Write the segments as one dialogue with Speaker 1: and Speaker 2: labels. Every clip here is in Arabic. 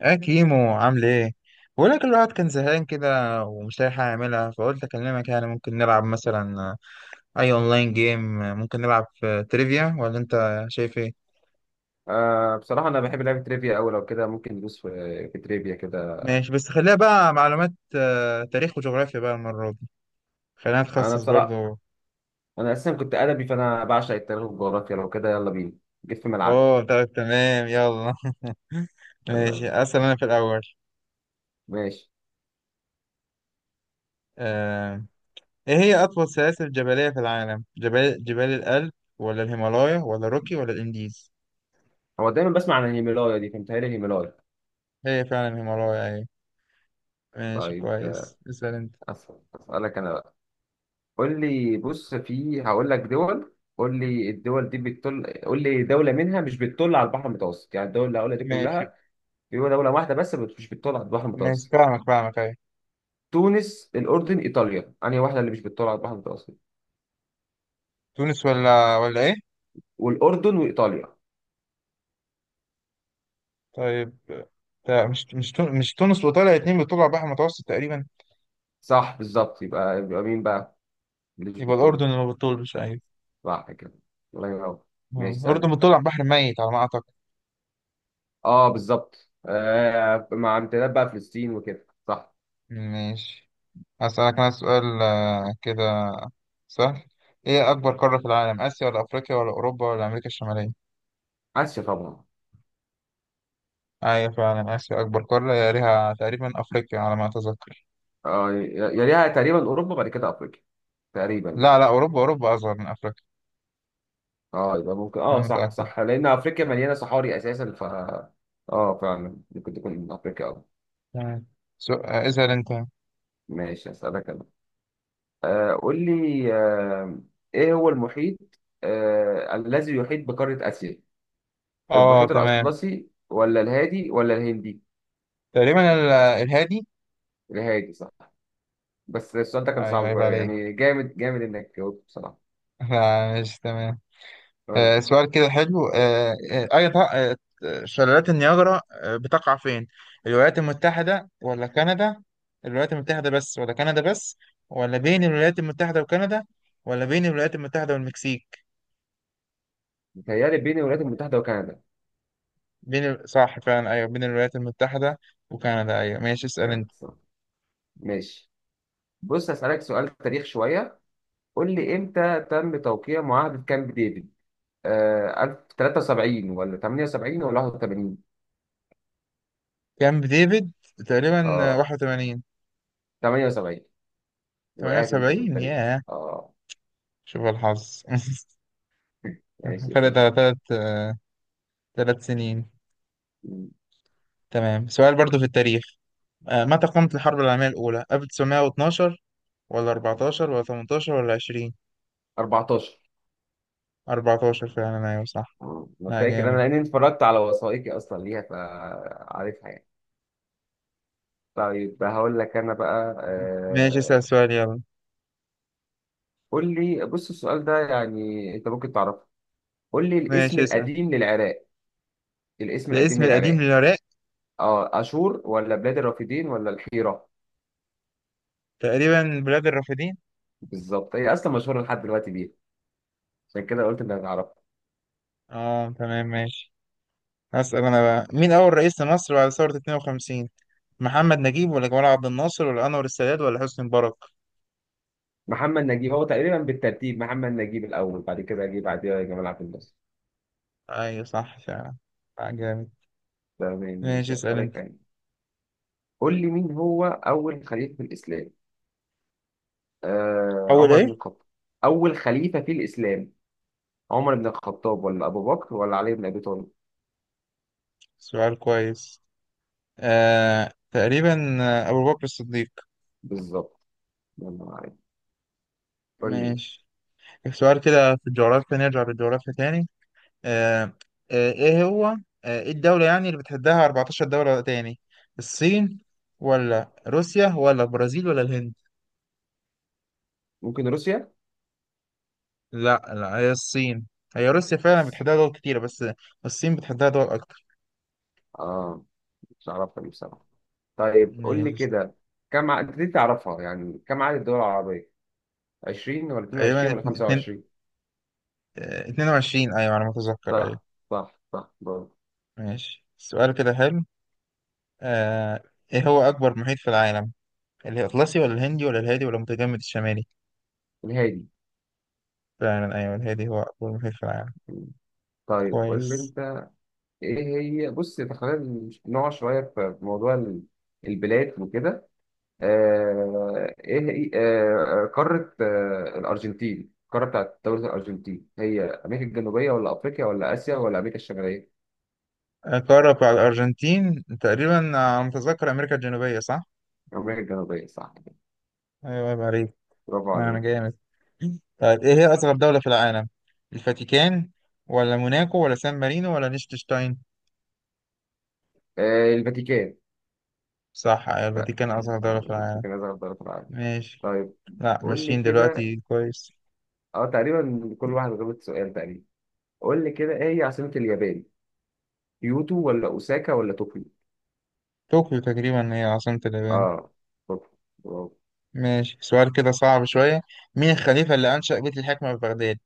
Speaker 1: يا كيمو، عامل ايه؟ بقول لك الواحد كان زهقان كده، ومش لاقي حاجة يعملها، فقلت اكلمك، يعني ممكن نلعب مثلا اي اونلاين جيم، ممكن نلعب في تريفيا، ولا انت شايف ايه؟
Speaker 2: بصراحة أنا بحب لعبة تريفيا أوي، لو كده ممكن ندوس في تريفيا كده.
Speaker 1: ماشي، بس خليها بقى معلومات، تاريخ وجغرافيا بقى المرة دي. خلينا
Speaker 2: أنا
Speaker 1: نتخصص
Speaker 2: بصراحة
Speaker 1: برضو.
Speaker 2: أنا أساسا كنت أدبي، فأنا بعشق التاريخ والجغرافيا. لو كده يلا بينا، جيت في ملعبي.
Speaker 1: اوه، طيب، تمام، يلا.
Speaker 2: يلا
Speaker 1: ماشي،
Speaker 2: بينا.
Speaker 1: اسأل انا في الاول.
Speaker 2: ماشي.
Speaker 1: آه، ايه هي اطول سلاسل جبلية في العالم؟ جبال الألب، ولا الهيمالايا، ولا روكي، ولا الانديز؟
Speaker 2: هو دايما بسمع عن الهيمالايا دي، فمتهيألي الهيمالايا.
Speaker 1: هي فعلا الهيمالايا، أيوة. ماشي،
Speaker 2: طيب،
Speaker 1: كويس، اسأل انت.
Speaker 2: أسألك أنا بقى. قول لي، بص، في هقول لك دول. قول لي الدول دي بتطل، قول لي دولة منها مش بتطل على البحر المتوسط، يعني الدول اللي هقولها دي
Speaker 1: ماشي.
Speaker 2: كلها، في دولة واحدة بس مش بتطل على البحر
Speaker 1: ماشي،
Speaker 2: المتوسط.
Speaker 1: فاهمك، فاهمك ايه؟
Speaker 2: تونس، الأردن، إيطاليا، أنهي واحدة اللي مش بتطل على البحر المتوسط؟
Speaker 1: تونس ولا ايه؟
Speaker 2: والأردن وإيطاليا.
Speaker 1: طيب، مش مش تونس، وطالع اتنين بيطلعوا على البحر المتوسط تقريبا.
Speaker 2: صح بالظبط، يبقى مين بقى؟ مش
Speaker 1: يبقى
Speaker 2: بتقول.
Speaker 1: الأردن اللي ما بتطولش، أيوة.
Speaker 2: صح كده. الله ينور.
Speaker 1: آه.
Speaker 2: ماشي، اسألني.
Speaker 1: الأردن بتطلع على البحر الميت على ما أعتقد.
Speaker 2: اه بالظبط، مع امتداد بقى فلسطين وكده، صح.
Speaker 1: ماشي. هسألك أنا سؤال كده سهل. إيه أكبر قارة في العالم؟ آسيا ولا أفريقيا ولا أوروبا ولا أمريكا الشمالية؟
Speaker 2: آسيا طبعا.
Speaker 1: أيوة، فعلا آسيا أكبر قارة، يا ليها تقريبا أفريقيا على ما أتذكر.
Speaker 2: اه، يليها تقريبا أوروبا، بعد كده أفريقيا، تقريبا.
Speaker 1: لا لا، أوروبا أوروبا أصغر من أفريقيا.
Speaker 2: اه، يبقى ممكن،
Speaker 1: أنا
Speaker 2: اه، صح
Speaker 1: متأكد.
Speaker 2: صح، لأن أفريقيا مليانة صحاري أساسا، ف. اه فعلا ممكن تكون من أفريقيا أوي.
Speaker 1: تمام. اسأل انت.
Speaker 2: ماشي، هسألك أنا. قول لي، إيه هو المحيط الذي يحيط بقارة آسيا؟
Speaker 1: اه،
Speaker 2: المحيط
Speaker 1: تمام.
Speaker 2: الأطلسي ولا الهادي ولا الهندي؟
Speaker 1: تقريبا الهادي.
Speaker 2: الهادي صح. بس السؤال ده كان
Speaker 1: ايوه،
Speaker 2: صعب
Speaker 1: عيب
Speaker 2: بقى،
Speaker 1: عليك.
Speaker 2: يعني جامد جامد إنك جاوبت بصراحة.
Speaker 1: لا، مش تمام.
Speaker 2: قول لي.
Speaker 1: آه، سؤال كده حلو. آه آه، اي ط- آه، شلالات النياجرا بتقع فين؟ الولايات المتحدة ولا كندا؟ الولايات المتحدة بس ولا كندا بس؟ ولا بين الولايات المتحدة وكندا؟ ولا بين الولايات المتحدة والمكسيك؟
Speaker 2: متهيألي بين الولايات المتحدة وكندا.
Speaker 1: صح، فعلا، ايوه، بين الولايات المتحدة وكندا، ايوه. ماشي، اسأل انت.
Speaker 2: كانت صح. ماشي، بص هسألك سؤال تاريخ شوية. قول لي، إمتى تم توقيع معاهدة كامب ديفيد؟ 1073 ولا 78 ولا 81؟
Speaker 1: كامب ديفيد، تقريبا
Speaker 2: اه،
Speaker 1: 81.
Speaker 2: 78. وقعت أنت في
Speaker 1: 78،
Speaker 2: الطريق.
Speaker 1: ياه.
Speaker 2: اه.
Speaker 1: شوف الحظ.
Speaker 2: ماشي،
Speaker 1: فرق
Speaker 2: استنى.
Speaker 1: ثلاث سنين. تمام، سؤال برضو في التاريخ. متى قامت الحرب العالمية الأولى؟ 1912 ولا 14 ولا 18 ولا 20؟
Speaker 2: 14.
Speaker 1: 14، فعلا أيوة صح.
Speaker 2: مم. انا
Speaker 1: لا،
Speaker 2: فاكر،
Speaker 1: جامد.
Speaker 2: لاني اتفرجت على وثائقي اصلا ليها، فعارفها يعني. طيب، هقول لك انا بقى.
Speaker 1: ماشي، اسأل سؤال يلا.
Speaker 2: قول لي، بص، السؤال ده يعني انت ممكن تعرفه. قول لي الاسم
Speaker 1: ماشي، اسأل.
Speaker 2: القديم للعراق. الاسم
Speaker 1: الاسم
Speaker 2: القديم
Speaker 1: القديم
Speaker 2: للعراق.
Speaker 1: للعراق.
Speaker 2: اه اشور ولا بلاد الرافدين ولا الحيرة؟
Speaker 1: تقريبا بلاد الرافدين.
Speaker 2: بالظبط. هي اصلا مشهوره لحد دلوقتي بيها، عشان كده قلت انك هتعرفها.
Speaker 1: اه، تمام، ماشي. هسأل أنا بقى، مين أول رئيس لمصر بعد ثورة 52؟ محمد نجيب ولا جمال عبد الناصر ولا أنور السادات ولا حسني مبارك؟
Speaker 2: محمد نجيب، هو تقريبا بالترتيب محمد نجيب الاول، بعد كده اجيب بعديها جمال عبد الناصر.
Speaker 1: أيوة، صح فعلا. لا، جامد.
Speaker 2: تمام
Speaker 1: ماشي،
Speaker 2: ماشي،
Speaker 1: اسأل
Speaker 2: اسالك
Speaker 1: انت.
Speaker 2: يعني. قول لي، مين هو اول خليفه في الاسلام؟
Speaker 1: أول
Speaker 2: عمر
Speaker 1: ايه؟
Speaker 2: بن الخطاب. اول خليفه في الاسلام، عمر بن الخطاب ولا ابو بكر ولا علي بن ابي طالب؟
Speaker 1: سؤال كويس. آه، تقريبا أبو بكر الصديق.
Speaker 2: بالظبط. يلا عارف. قول لي.
Speaker 1: ماشي، سؤال كده في الجغرافيا، نرجع للجغرافيا تاني. آه آه ايه هو آه ايه الدولة يعني اللي بتحدها 14 دولة تاني؟ الصين ولا روسيا ولا البرازيل ولا الهند؟
Speaker 2: ممكن روسيا.
Speaker 1: لا لا، هي الصين. هي روسيا فعلا بتحدها دول كتيرة، بس الصين بتحدها دول أكتر.
Speaker 2: اه، مش عارفها دي بصراحه. طيب قول لي
Speaker 1: ماشي.
Speaker 2: كده، كم عدد دي تعرفها يعني، كم عدد الدول العربيه؟ 20 ولا
Speaker 1: تقريبا
Speaker 2: 22 ولا 25؟
Speaker 1: 22، أيوة على ما أتذكر، أيوة.
Speaker 2: صح، صح، صح، برافو.
Speaker 1: ماشي، سؤال كده حلو. آه، ايه هو اكبر محيط في العالم؟ الاطلسي ولا الهندي ولا الهادي ولا المتجمد الشمالي؟
Speaker 2: الهادي.
Speaker 1: فعلا، ايوه الهادي هو اكبر محيط في العالم.
Speaker 2: طيب، قول لي
Speaker 1: كويس.
Speaker 2: انت، ايه. هي بص، تخيل نقع شويه في موضوع البلاد وكده. ايه هي- آه، قارة آه، الأرجنتين القارة بتاعت دولة الأرجنتين هي أمريكا الجنوبية ولا أفريقيا ولا آسيا ولا أمريكا الشمالية؟
Speaker 1: قارة بتاع الارجنتين تقريبا على ما اتذكر امريكا الجنوبية، صح.
Speaker 2: أمريكا الجنوبية، صح كده.
Speaker 1: ايوه، عيب عليك.
Speaker 2: برافو
Speaker 1: انا
Speaker 2: عليك.
Speaker 1: جامد. طيب، ايه هي اصغر دولة في العالم؟ الفاتيكان ولا موناكو ولا سان مارينو ولا ليechtenstein؟
Speaker 2: الفاتيكان.
Speaker 1: صح، ايوه،
Speaker 2: لا.
Speaker 1: الفاتيكان اصغر دولة في العالم.
Speaker 2: الفاتيكان أصغر دولة في العالم.
Speaker 1: ماشي.
Speaker 2: طيب،
Speaker 1: لا،
Speaker 2: قول لي
Speaker 1: ماشيين
Speaker 2: كده.
Speaker 1: دلوقتي كويس.
Speaker 2: تقريبا كل واحد غلط سؤال تقريبا. قول لي كده، إيه هي عاصمة اليابان؟ كيوتو ولا أوساكا ولا طوكيو؟
Speaker 1: طوكيو تقريبا هي عاصمة اليابان.
Speaker 2: أه طوكيو. برافو.
Speaker 1: ماشي، سؤال كده صعب شوية. مين الخليفة اللي أنشأ بيت الحكمة في بغداد؟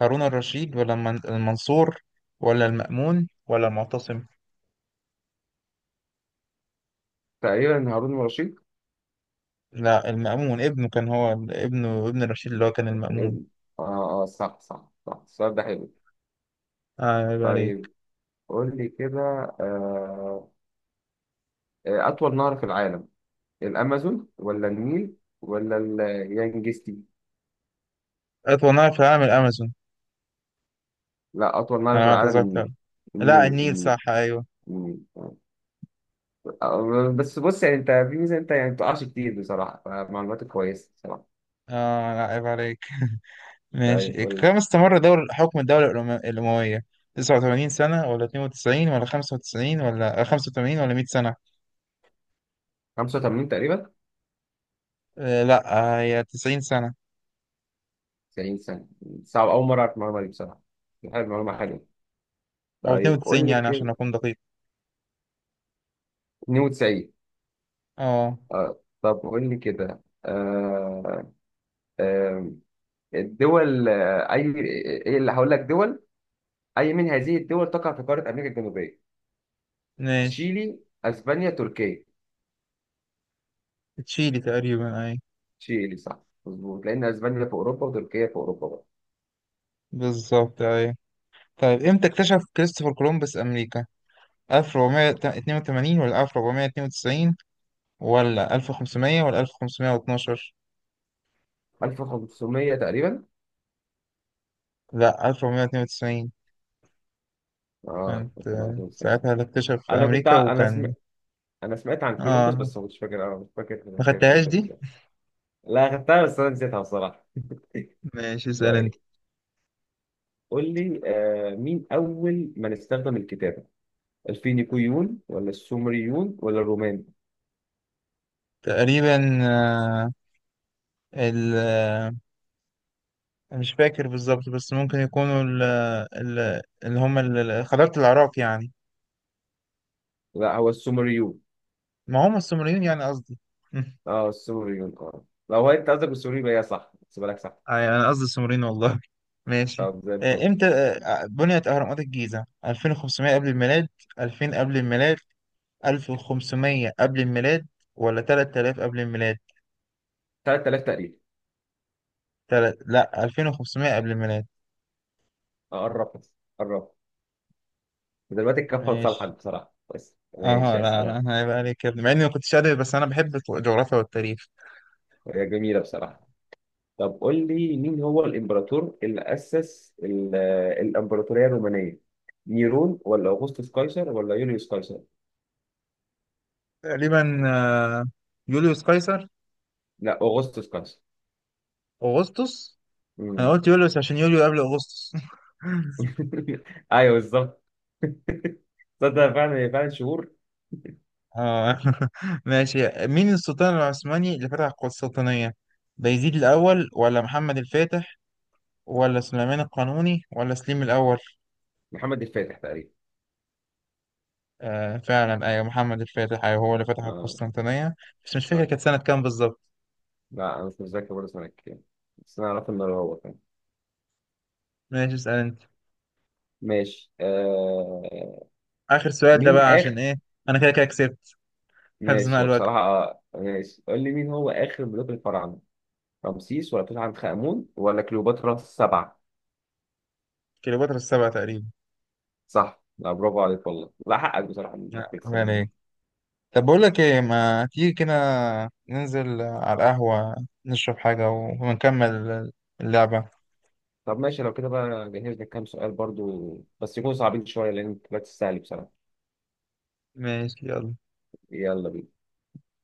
Speaker 1: هارون الرشيد ولا المنصور ولا المأمون ولا المعتصم؟
Speaker 2: تقريبا هارون الرشيد.
Speaker 1: لا، المأمون ابنه كان، هو ابنه، ابن الرشيد اللي هو كان
Speaker 2: اه،
Speaker 1: المأمون.
Speaker 2: اه، صح، صح، صح. السؤال ده حلو.
Speaker 1: آه، عيب
Speaker 2: طيب،
Speaker 1: عليك.
Speaker 2: قول لي كده. آه، أطول نهر في العالم، الأمازون ولا النيل ولا اليانجستي؟
Speaker 1: أطول نهر في العالم الأمازون.
Speaker 2: لا، أطول نهر
Speaker 1: أنا
Speaker 2: في
Speaker 1: ما
Speaker 2: العالم
Speaker 1: أتذكر.
Speaker 2: النيل.
Speaker 1: لا،
Speaker 2: النيل،
Speaker 1: النيل
Speaker 2: النيل،
Speaker 1: صح، أيوه.
Speaker 2: النيل. بس بص، يعني أنت في ميزة، أنت يعني بتقعش كتير بصراحة، فمعلوماتك كويسة بصراحة.
Speaker 1: آه، لا، عيب عليك.
Speaker 2: ده
Speaker 1: ماشي،
Speaker 2: يقول.
Speaker 1: كم استمر دور حكم الدولة الأموية؟ 89 سنة ولا 92 ولا 95 ولا 85 ولا 100 سنة؟
Speaker 2: 85 تقريبا.
Speaker 1: آه، لا، هي 90 سنة.
Speaker 2: 90 سنة. صعب، أول مرة أعرف المعلومة دي بصراحة. حلو، معلومة حلوة.
Speaker 1: او
Speaker 2: طيب قول
Speaker 1: 92،
Speaker 2: لي
Speaker 1: يعني عشان
Speaker 2: كده.
Speaker 1: اكون دقيق.
Speaker 2: 92.
Speaker 1: اه،
Speaker 2: طب قول لي كده. آه، الدول، أي، إيه اللي هقول لك دول، أي من هذه الدول تقع في قارة أمريكا الجنوبية؟
Speaker 1: ماشي.
Speaker 2: تشيلي، أسبانيا، تركيا؟
Speaker 1: تشيلي تقريبا، اي.
Speaker 2: تشيلي صح. مظبوط، لأن أسبانيا في أوروبا وتركيا في أوروبا بقى.
Speaker 1: بالظبط، اي. طيب، امتى اكتشف كريستوفر كولومبوس امريكا؟ 1482 ولا 1492 ولا 1500 ولا 1512؟
Speaker 2: 1500 تقريبا.
Speaker 1: لا، 1492
Speaker 2: اه،
Speaker 1: كانت
Speaker 2: 1500 سنة.
Speaker 1: ساعتها اللي اكتشف في
Speaker 2: أنا كنت
Speaker 1: امريكا
Speaker 2: ع- أنا سم...
Speaker 1: وكان.
Speaker 2: أنا سمعت عن كولومبوس،
Speaker 1: اه،
Speaker 2: بس ما كنتش فاكر، أنا مش فاكر.
Speaker 1: ما
Speaker 2: كانت
Speaker 1: خدتهاش
Speaker 2: إمتى
Speaker 1: دي.
Speaker 2: بالظبط؟ لا، خدتها بس أنا نسيتها بصراحة.
Speaker 1: ماشي، اسال انت.
Speaker 2: طيب، قول لي، مين أول من استخدم الكتابة؟ الفينيقيون ولا السومريون ولا الرومان؟
Speaker 1: تقريبا آه، ال مش فاكر بالظبط، بس ممكن يكونوا ال اللي هم خلافة العراق يعني.
Speaker 2: لا، هو السومريون.
Speaker 1: ما هم السومريين، يعني قصدي.
Speaker 2: اه، السوري، اه، لو هو انت قصدك بالسوري، يبقى هي صح، احسبها لك صح.
Speaker 1: أي، أنا قصدي السومريين والله. ماشي.
Speaker 2: طب زي الفل.
Speaker 1: إمتى بنيت أهرامات الجيزة؟ 2500 قبل الميلاد، 2000 قبل الميلاد، 1500 قبل الميلاد، ولا 3000 قبل الميلاد؟
Speaker 2: 3000 تقريبا.
Speaker 1: لا، 2500 قبل الميلاد.
Speaker 2: اه، قربت، قربت. دلوقتي الكفه لصالحك
Speaker 1: ماشي.
Speaker 2: بصراحه، بس
Speaker 1: اه،
Speaker 2: ماشي،
Speaker 1: لا لا،
Speaker 2: اسالك.
Speaker 1: انا هيبقى عليك يا ابني، مع اني ما كنتش ادبي، بس انا بحب الجغرافيا والتاريخ.
Speaker 2: هي جميله بصراحه. طب قول لي، مين هو الامبراطور اللي اسس الامبراطوريه الرومانيه؟ نيرون ولا اوغسطس قيصر ولا يوليوس قيصر؟
Speaker 1: تقريبا آه، يوليوس قيصر.
Speaker 2: لا، اوغسطس قيصر.
Speaker 1: اغسطس. انا
Speaker 2: مم.
Speaker 1: قلت يوليو بس عشان يوليو قبل اغسطس.
Speaker 2: ايوه، بالظبط. تصدق فعلا، فعلا شهور.
Speaker 1: اه. ماشي، مين السلطان العثماني اللي فتح القسطنطينية؟ بايزيد الأول ولا محمد الفاتح ولا سليمان القانوني ولا سليم الأول؟
Speaker 2: محمد الفاتح تقريبا.
Speaker 1: آه، فعلا أيوة، محمد الفاتح، أيوة هو اللي فتح
Speaker 2: اه،
Speaker 1: القسطنطينية. بس مش فاكر كانت سنة كام بالظبط.
Speaker 2: لا، انا مش متذكر برضه سنه كام، بس انا اعرف ان هو كان.
Speaker 1: ماشي، اسأل أنت.
Speaker 2: ماشي.
Speaker 1: آخر سؤال ده
Speaker 2: مين
Speaker 1: بقى عشان
Speaker 2: اخر
Speaker 1: إيه؟ أنا كده كده كسبت. حفظ ماء
Speaker 2: ماشي، هو
Speaker 1: الوجه.
Speaker 2: بصراحه. ماشي، قول لي مين هو اخر ملوك الفراعنه. رمسيس ولا توت عنخ امون ولا كليوباترا السبعه؟
Speaker 1: كليوباترا السبعة تقريبا.
Speaker 2: صح، لا برافو عليك والله، لا، حقك بصراحه انك
Speaker 1: لا، ما
Speaker 2: تكسب.
Speaker 1: عليك. طب بقول لك ايه، ما تيجي كده ننزل على القهوة، نشرب حاجة ونكمل اللعبة.
Speaker 2: طب ماشي، لو كده بقى جهزنا كام سؤال برضو، بس يكونوا صعبين شويه لان انت بقى تستاهل بصراحه.
Speaker 1: ماشي، يلا.
Speaker 2: يلا بينا